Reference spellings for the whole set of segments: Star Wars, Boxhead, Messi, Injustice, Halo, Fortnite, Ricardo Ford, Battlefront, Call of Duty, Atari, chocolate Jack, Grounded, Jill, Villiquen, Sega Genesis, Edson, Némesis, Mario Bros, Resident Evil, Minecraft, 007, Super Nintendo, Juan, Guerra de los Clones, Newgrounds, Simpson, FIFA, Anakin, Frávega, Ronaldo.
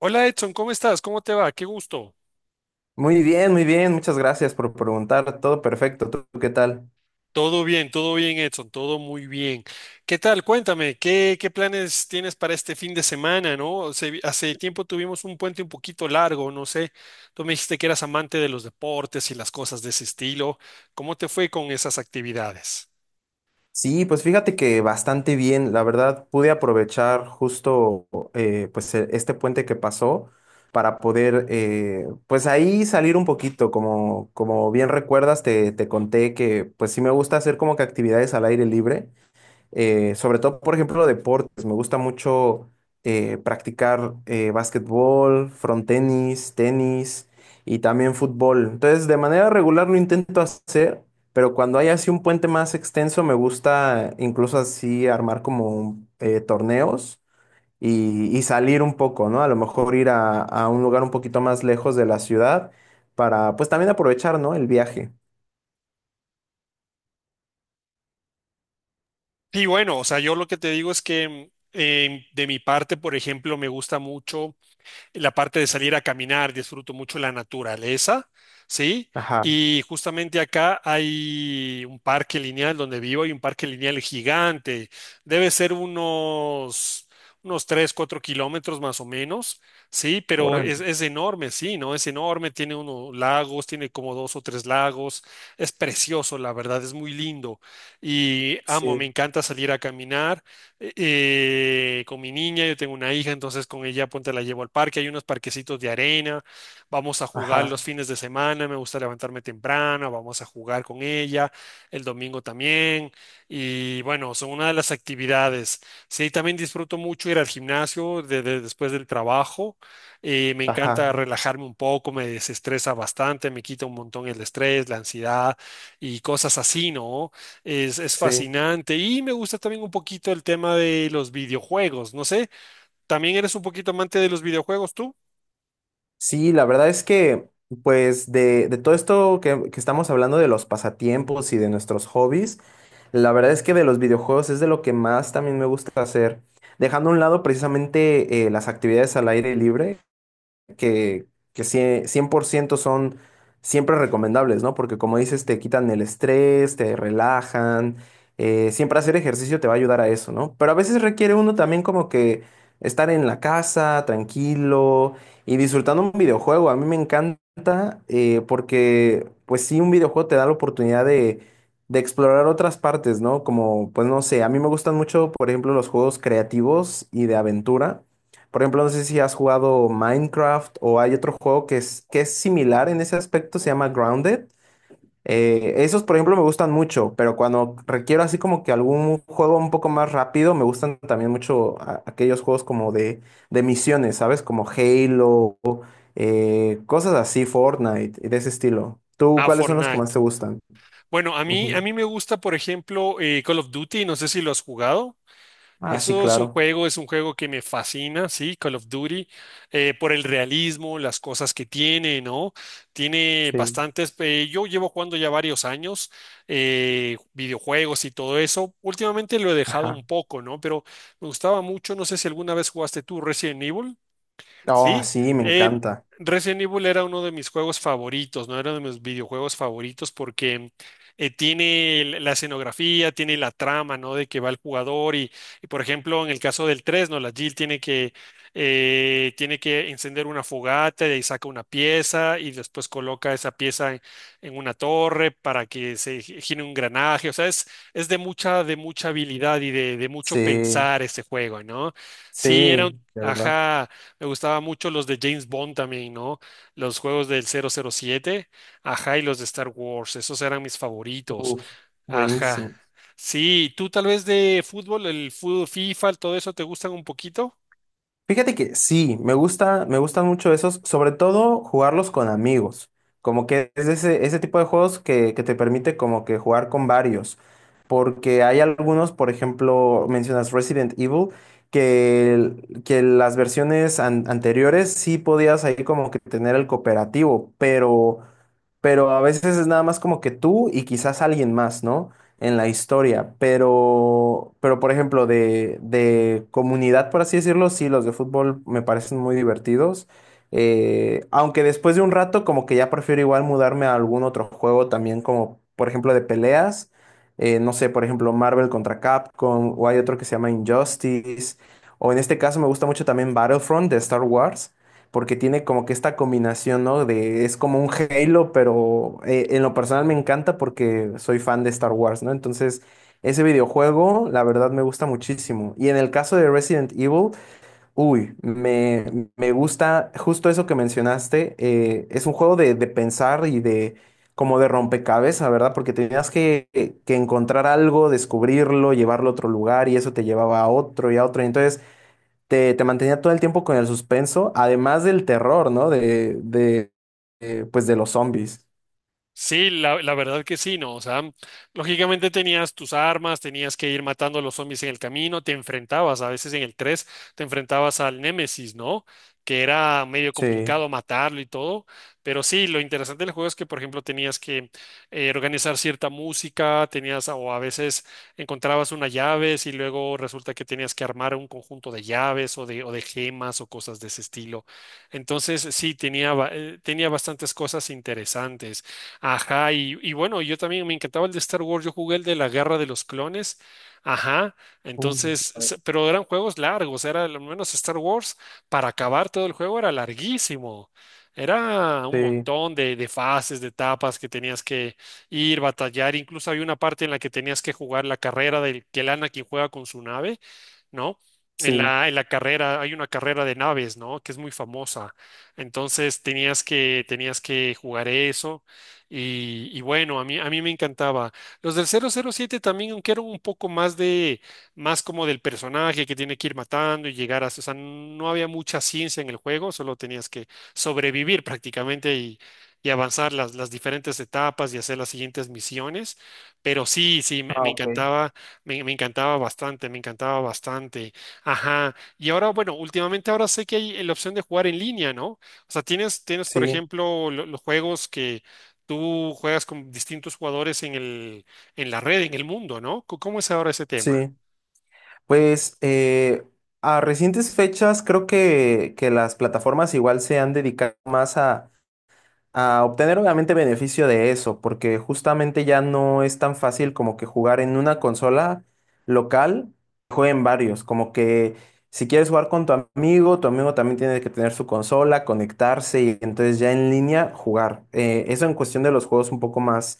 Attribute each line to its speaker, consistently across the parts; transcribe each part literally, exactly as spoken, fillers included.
Speaker 1: Hola Edson, ¿cómo estás? ¿Cómo te va? Qué gusto.
Speaker 2: Muy bien, muy bien, muchas gracias por preguntar, todo perfecto, ¿tú qué tal?
Speaker 1: Todo bien, todo bien Edson, todo muy bien. ¿Qué tal? Cuéntame, ¿qué, qué planes tienes para este fin de semana, no? Se- hace tiempo tuvimos un puente un poquito largo, no sé. Tú me dijiste que eras amante de los deportes y las cosas de ese estilo. ¿Cómo te fue con esas actividades?
Speaker 2: Sí, pues fíjate que bastante bien, la verdad pude aprovechar justo eh, pues e- este puente que pasó para poder eh, pues ahí salir un poquito, como, como bien recuerdas te, te conté que pues sí me gusta hacer como que actividades al aire libre, eh, sobre todo, por ejemplo, deportes. Me gusta mucho eh, practicar eh, básquetbol, frontenis, tenis y también fútbol. Entonces, de manera regular lo intento hacer, pero cuando hay así un puente más extenso, me gusta incluso así armar como eh, torneos y, y salir un poco, ¿no? A lo mejor ir a, a un lugar un poquito más lejos de la ciudad para, pues también aprovechar, ¿no? El viaje.
Speaker 1: Sí, bueno, o sea, yo lo que te digo es que mm, em, de mi parte, por ejemplo, me gusta mucho, la parte de salir a caminar, disfruto mucho la naturaleza, ¿sí?
Speaker 2: Ajá,
Speaker 1: Y justamente acá hay un parque lineal donde vivo, hay un parque lineal gigante, debe ser unos, unos, tres, cuatro kilómetros más o menos, ¿sí? Pero
Speaker 2: órale.
Speaker 1: es, es enorme, sí, ¿no? Es enorme, tiene unos lagos, tiene como dos o tres lagos, es precioso, la verdad, es muy lindo. Y amo, me
Speaker 2: Sí,
Speaker 1: encanta salir a caminar eh, eh, con mi niña, yo tengo una hija, entonces con ella ponte la llevo al parque, hay unos parquecitos de arena, vamos a jugar los
Speaker 2: ajá,
Speaker 1: fines de semana, me gusta levantarme temprano, vamos a jugar con ella, el domingo también, y bueno, son una de las actividades. Sí, también disfruto mucho ir al gimnasio de- de- después del trabajo, eh, me
Speaker 2: ajá,
Speaker 1: encanta relajarme un poco, me desestresa bastante, me quita un montón el estrés, la ansiedad y cosas así, ¿no? Es, es
Speaker 2: sí.
Speaker 1: fascinante y me gusta también un poquito el tema de los videojuegos. No sé, ¿también eres un poquito amante de los videojuegos tú?
Speaker 2: Sí, la verdad es que, pues, de, de todo esto que, que estamos hablando de los pasatiempos y de nuestros hobbies, la verdad es que de los videojuegos es de lo que más también me gusta hacer. Dejando a un lado precisamente eh, las actividades al aire libre, que, que cie- cien por ciento son siempre recomendables, ¿no? Porque como dices, te quitan el estrés, te relajan, eh, siempre hacer ejercicio te va a ayudar a eso, ¿no? Pero a veces requiere uno también como que estar en la casa, tranquilo y disfrutando un videojuego. A mí me encanta eh, porque, pues sí, un videojuego te da la oportunidad de... de explorar otras partes, ¿no? Como, pues no sé, a mí me gustan mucho, por ejemplo, los juegos creativos y de aventura. Por ejemplo, no sé si has jugado Minecraft o hay otro juego que es, que es similar en ese aspecto, se llama Grounded. Eh, esos, por ejemplo, me gustan mucho, pero cuando requiero así como que algún juego un poco más rápido, me gustan también mucho a- aquellos juegos como de, de misiones, ¿sabes? Como Halo, eh, cosas así, Fortnite, y de ese estilo. ¿Tú
Speaker 1: A
Speaker 2: cuáles son los que más
Speaker 1: Fortnite.
Speaker 2: te gustan?
Speaker 1: Bueno, a mí, a
Speaker 2: Ujú.
Speaker 1: mí me gusta, por ejemplo, eh, Call of Duty, no sé si lo has jugado.
Speaker 2: Ah, sí,
Speaker 1: Eso es un
Speaker 2: claro.
Speaker 1: juego, es un juego que me fascina, sí, Call of Duty, eh, por el realismo, las cosas que tiene, ¿no? Tiene
Speaker 2: Sí.
Speaker 1: bastantes, eh, yo llevo jugando ya varios años, eh, videojuegos y todo eso. Últimamente lo he dejado
Speaker 2: Ajá.
Speaker 1: un poco, ¿no? Pero me gustaba mucho, no sé si alguna vez jugaste tú Resident Evil.
Speaker 2: Oh,
Speaker 1: Sí,
Speaker 2: sí, me
Speaker 1: eh,
Speaker 2: encanta.
Speaker 1: Resident Evil era uno de mis juegos favoritos, no era de mis videojuegos favoritos porque eh, tiene el- la escenografía, tiene la trama, ¿no? De que va el jugador y, y, por ejemplo, en el caso del tres, ¿no? La Jill tiene que, eh, tiene que encender una fogata y ahí saca una pieza y después coloca esa pieza en, en, una torre para que se gi- gire un engranaje. O sea, es, es, de mucha, de mucha habilidad y de, de mucho
Speaker 2: Sí,
Speaker 1: pensar este juego, ¿no?
Speaker 2: sí,
Speaker 1: Sí, era un...
Speaker 2: de verdad.
Speaker 1: ajá. Me gustaba mucho los de James Bond también, ¿no? Los juegos del cero cero siete, ajá, y los de Star Wars, esos eran mis favoritos,
Speaker 2: Uf,
Speaker 1: ajá.
Speaker 2: buenísimo.
Speaker 1: Sí, ¿tú tal vez de fútbol, el fútbol, FIFA, todo eso te gustan un poquito?
Speaker 2: Fíjate que sí, me gusta, me gustan mucho esos, sobre todo jugarlos con amigos. Como que es ese, ese tipo de juegos que, que te permite como que jugar con varios. Porque hay algunos, por ejemplo, mencionas Resident Evil, que, el- que las versiones an- anteriores sí podías ahí como que tener el cooperativo, pero pero a veces es nada más como que tú y quizás alguien más, ¿no? En la historia, pero, pero por ejemplo, de, de comunidad, por así decirlo, sí, los de fútbol me parecen muy divertidos, eh, aunque después de un rato como que ya prefiero igual mudarme a algún otro juego también, como por ejemplo de peleas, eh, no sé, por ejemplo, Marvel contra Capcom, o hay otro que se llama Injustice, o en este caso me gusta mucho también Battlefront de Star Wars porque tiene como que esta combinación, ¿no? De, es como un Halo, pero eh, en lo personal me encanta porque soy fan de Star Wars, ¿no? Entonces, ese videojuego, la verdad, me gusta muchísimo. Y en el caso de Resident Evil, uy, me, me gusta justo eso que mencionaste. Eh, es un juego de, de pensar y de como de rompecabezas, ¿verdad? Porque tenías que, que encontrar algo, descubrirlo, llevarlo a otro lugar y eso te llevaba a otro y a otro. Entonces, te, te mantenía todo el tiempo con el suspenso, además del terror, ¿no? De, de, eh, pues de los zombies.
Speaker 1: Sí, la, la verdad que sí, ¿no? O sea, lógicamente tenías tus armas, tenías que ir matando a los zombies en el camino, te enfrentabas, a veces en el tres, te enfrentabas al Némesis, ¿no? Que era medio
Speaker 2: Sí,
Speaker 1: complicado matarlo y todo, pero sí, lo interesante del juego es que, por ejemplo, tenías que eh, organizar cierta música, tenías, o a veces encontrabas unas llaves y luego resulta que tenías que armar un conjunto de llaves o de, o de, gemas o cosas de ese estilo. Entonces, sí, tenía, ba- eh, tenía bastantes cosas interesantes. Ajá, y, y bueno, yo también me encantaba el de Star Wars, yo jugué el de la Guerra de los Clones, ajá,
Speaker 2: uh,
Speaker 1: entonces,
Speaker 2: ah,
Speaker 1: se- pero eran juegos largos, era al menos Star Wars, para acabar todo el juego era larguísimo, era un
Speaker 2: sí,
Speaker 1: montón de, de fases, de etapas que tenías que ir, batallar, incluso había una parte en la que tenías que jugar la carrera del que el Anakin juega con su nave, ¿no? En
Speaker 2: sí,
Speaker 1: la, en la carrera, hay una carrera de naves, ¿no? Que es muy famosa. Entonces tenías que, tenías que jugar eso. Y, y bueno, a mí, a mí me encantaba. Los del cero cero siete también, aunque eran un poco más de, más como del personaje que tiene que ir matando y llegar a, o sea, no había mucha ciencia en el juego, solo tenías que sobrevivir prácticamente y, y, avanzar las, las diferentes etapas y hacer las siguientes misiones. Pero sí, sí, me,
Speaker 2: ah,
Speaker 1: me
Speaker 2: ok.
Speaker 1: encantaba, me, me encantaba bastante, me encantaba bastante. Ajá. Y ahora, bueno, últimamente ahora sé que hay la opción de jugar en línea, ¿no? O sea, tienes, tienes, por
Speaker 2: Sí,
Speaker 1: ejemplo, lo- los juegos que tú juegas con distintos jugadores en el, en la red, en el mundo, ¿no? Co- ¿Cómo es ahora ese tema?
Speaker 2: sí. Pues eh, a recientes fechas creo que, que las plataformas igual se han dedicado más a a obtener obviamente beneficio de eso, porque justamente ya no es tan fácil como que jugar en una consola local, jueguen varios, como que si quieres jugar con tu amigo, tu amigo también tiene que tener su consola, conectarse y entonces ya en línea jugar. Eh, eso en cuestión de los juegos un poco más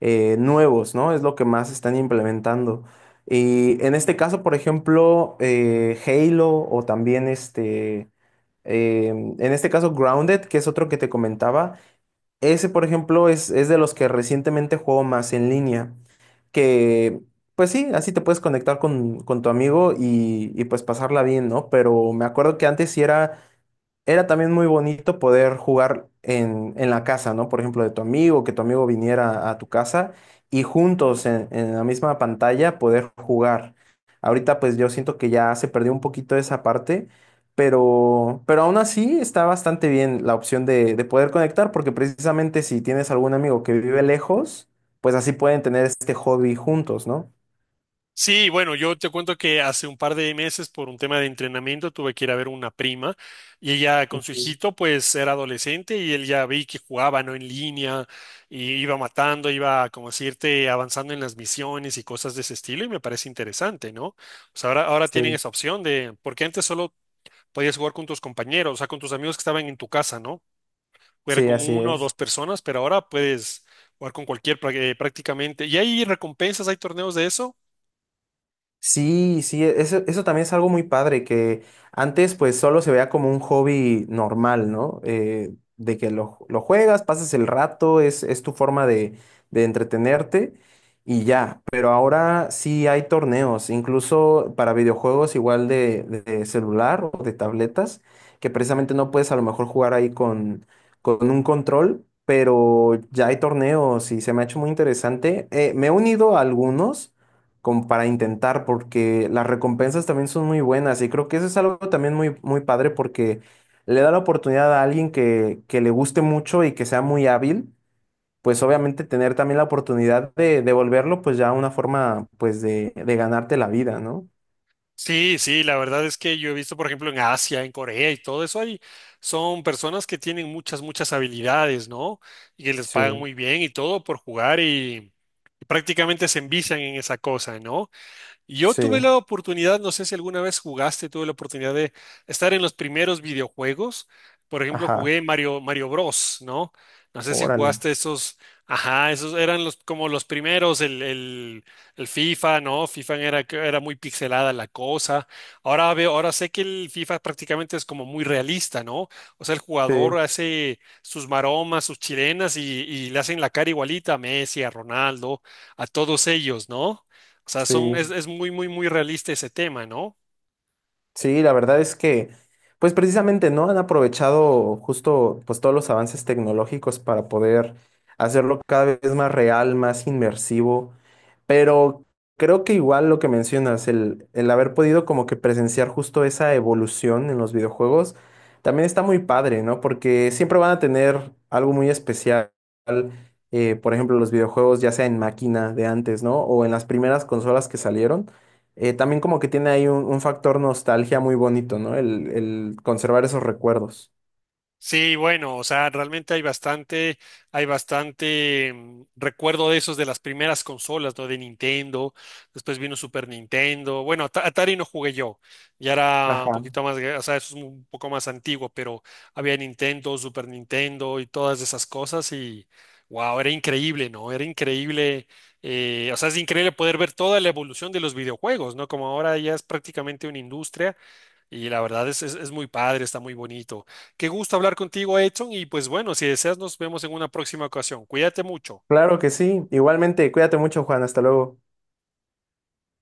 Speaker 2: eh, nuevos, ¿no? Es lo que más están implementando. Y en este caso, por ejemplo, eh, Halo o también este, em, en este caso Grounded, que es otro que te comentaba, ese, por ejemplo, es, es de los que recientemente juego más en línea, que pues sí, así te puedes conectar con, con tu amigo y, y pues pasarla bien, ¿no? Pero me acuerdo que antes sí era era también muy bonito poder jugar en, en la casa, ¿no? Por ejemplo, de tu amigo, que tu amigo viniera a tu casa y juntos en, en la misma pantalla poder jugar. Ahorita pues yo siento que ya se perdió un poquito esa parte, pero, pero aún así está bastante bien la opción de, de poder conectar, porque precisamente si tienes algún amigo que vive lejos, pues así pueden tener este hobby juntos, ¿no?
Speaker 1: Sí, bueno, yo te cuento que hace un par de meses por un tema de entrenamiento tuve que ir a ver una prima y ella con su
Speaker 2: Ujú,
Speaker 1: hijito pues era adolescente y él ya vi que jugaba, ¿no? En línea y iba matando, iba como decirte avanzando en las misiones y cosas de ese estilo y me parece interesante, ¿no? O sea, ahora, ahora tienen
Speaker 2: sí.
Speaker 1: esa opción de, porque antes solo podías jugar con tus compañeros, o sea, con tus amigos que estaban en tu casa, ¿no? Era
Speaker 2: Sí,
Speaker 1: con
Speaker 2: así
Speaker 1: uno o dos
Speaker 2: es.
Speaker 1: personas, pero ahora puedes jugar con cualquier prá- eh, prácticamente. ¿Y hay recompensas, hay torneos de eso?
Speaker 2: Sí, sí, eso, eso también es algo muy padre, que antes pues solo se veía como un hobby normal, ¿no? Eh, de que lo, lo juegas, pasas el rato, es, es tu forma de, de entretenerte y ya, pero ahora sí hay torneos, incluso para videojuegos igual de, de celular o de tabletas, que precisamente no puedes a lo mejor jugar ahí con, con un control, pero ya hay torneos y se me ha hecho muy interesante. Eh, me he unido a algunos como para intentar, porque las recompensas también son muy buenas y creo que eso es algo también muy, muy padre porque le da la oportunidad a alguien que, que le guste mucho y que sea muy hábil, pues obviamente tener también la oportunidad de devolverlo, pues ya una forma pues de, de ganarte la vida, ¿no?
Speaker 1: Sí, sí, la verdad es que yo he visto, por ejemplo, en Asia, en Corea y todo eso, hay, son personas que tienen muchas, muchas habilidades, ¿no? Y que les pagan
Speaker 2: Sí,
Speaker 1: muy bien y todo por jugar y, y, prácticamente se envician en esa cosa, ¿no? Yo
Speaker 2: sí,
Speaker 1: tuve la oportunidad, no sé si alguna vez jugaste, tuve la oportunidad de estar en los primeros videojuegos. Por ejemplo,
Speaker 2: ajá,
Speaker 1: jugué Mario, Mario Bros, ¿no? No sé si
Speaker 2: órale,
Speaker 1: jugaste esos, ajá, esos eran los como los primeros, el, el, el, FIFA, ¿no? FIFA era, que era muy pixelada la cosa. Ahora veo, ahora sé que el FIFA prácticamente es como muy realista, ¿no? O sea, el jugador
Speaker 2: sí,
Speaker 1: hace sus maromas, sus chilenas y, y, le hacen la cara igualita a Messi, a Ronaldo, a todos ellos, ¿no? O sea,
Speaker 2: sí.
Speaker 1: son, es, es, muy, muy, muy realista ese tema, ¿no?
Speaker 2: Sí, la verdad es que, pues precisamente, ¿no? Han aprovechado justo, pues todos los avances tecnológicos para poder hacerlo cada vez más real, más inmersivo, pero creo que igual lo que mencionas, el, el haber podido como que presenciar justo esa evolución en los videojuegos, también está muy padre, ¿no? Porque siempre van a tener algo muy especial, eh, por ejemplo, los videojuegos ya sea en máquina de antes, ¿no? O en las primeras consolas que salieron eh, también como que tiene ahí un, un factor nostalgia muy bonito, ¿no? El, el conservar esos recuerdos.
Speaker 1: Sí, bueno, o sea, realmente hay bastante, hay bastante mm, recuerdo de esos de las primeras consolas, ¿no? De Nintendo, después vino Super Nintendo, bueno, At- Atari no jugué yo, ya era un
Speaker 2: Ajá.
Speaker 1: poquito más, gra- o sea, eso es un poco más antiguo, pero había Nintendo, Super Nintendo y todas esas cosas y, wow, era increíble, ¿no? Era increíble, eh, o sea, es increíble poder ver toda la evolución de los videojuegos, ¿no? Como ahora ya es prácticamente una industria. Y la verdad es, es, es, muy padre, está muy bonito. Qué gusto hablar contigo, Edson. Y pues bueno, si deseas, nos vemos en una próxima ocasión. Cuídate mucho.
Speaker 2: Claro que sí. Igualmente, cuídate mucho, Juan. Hasta luego.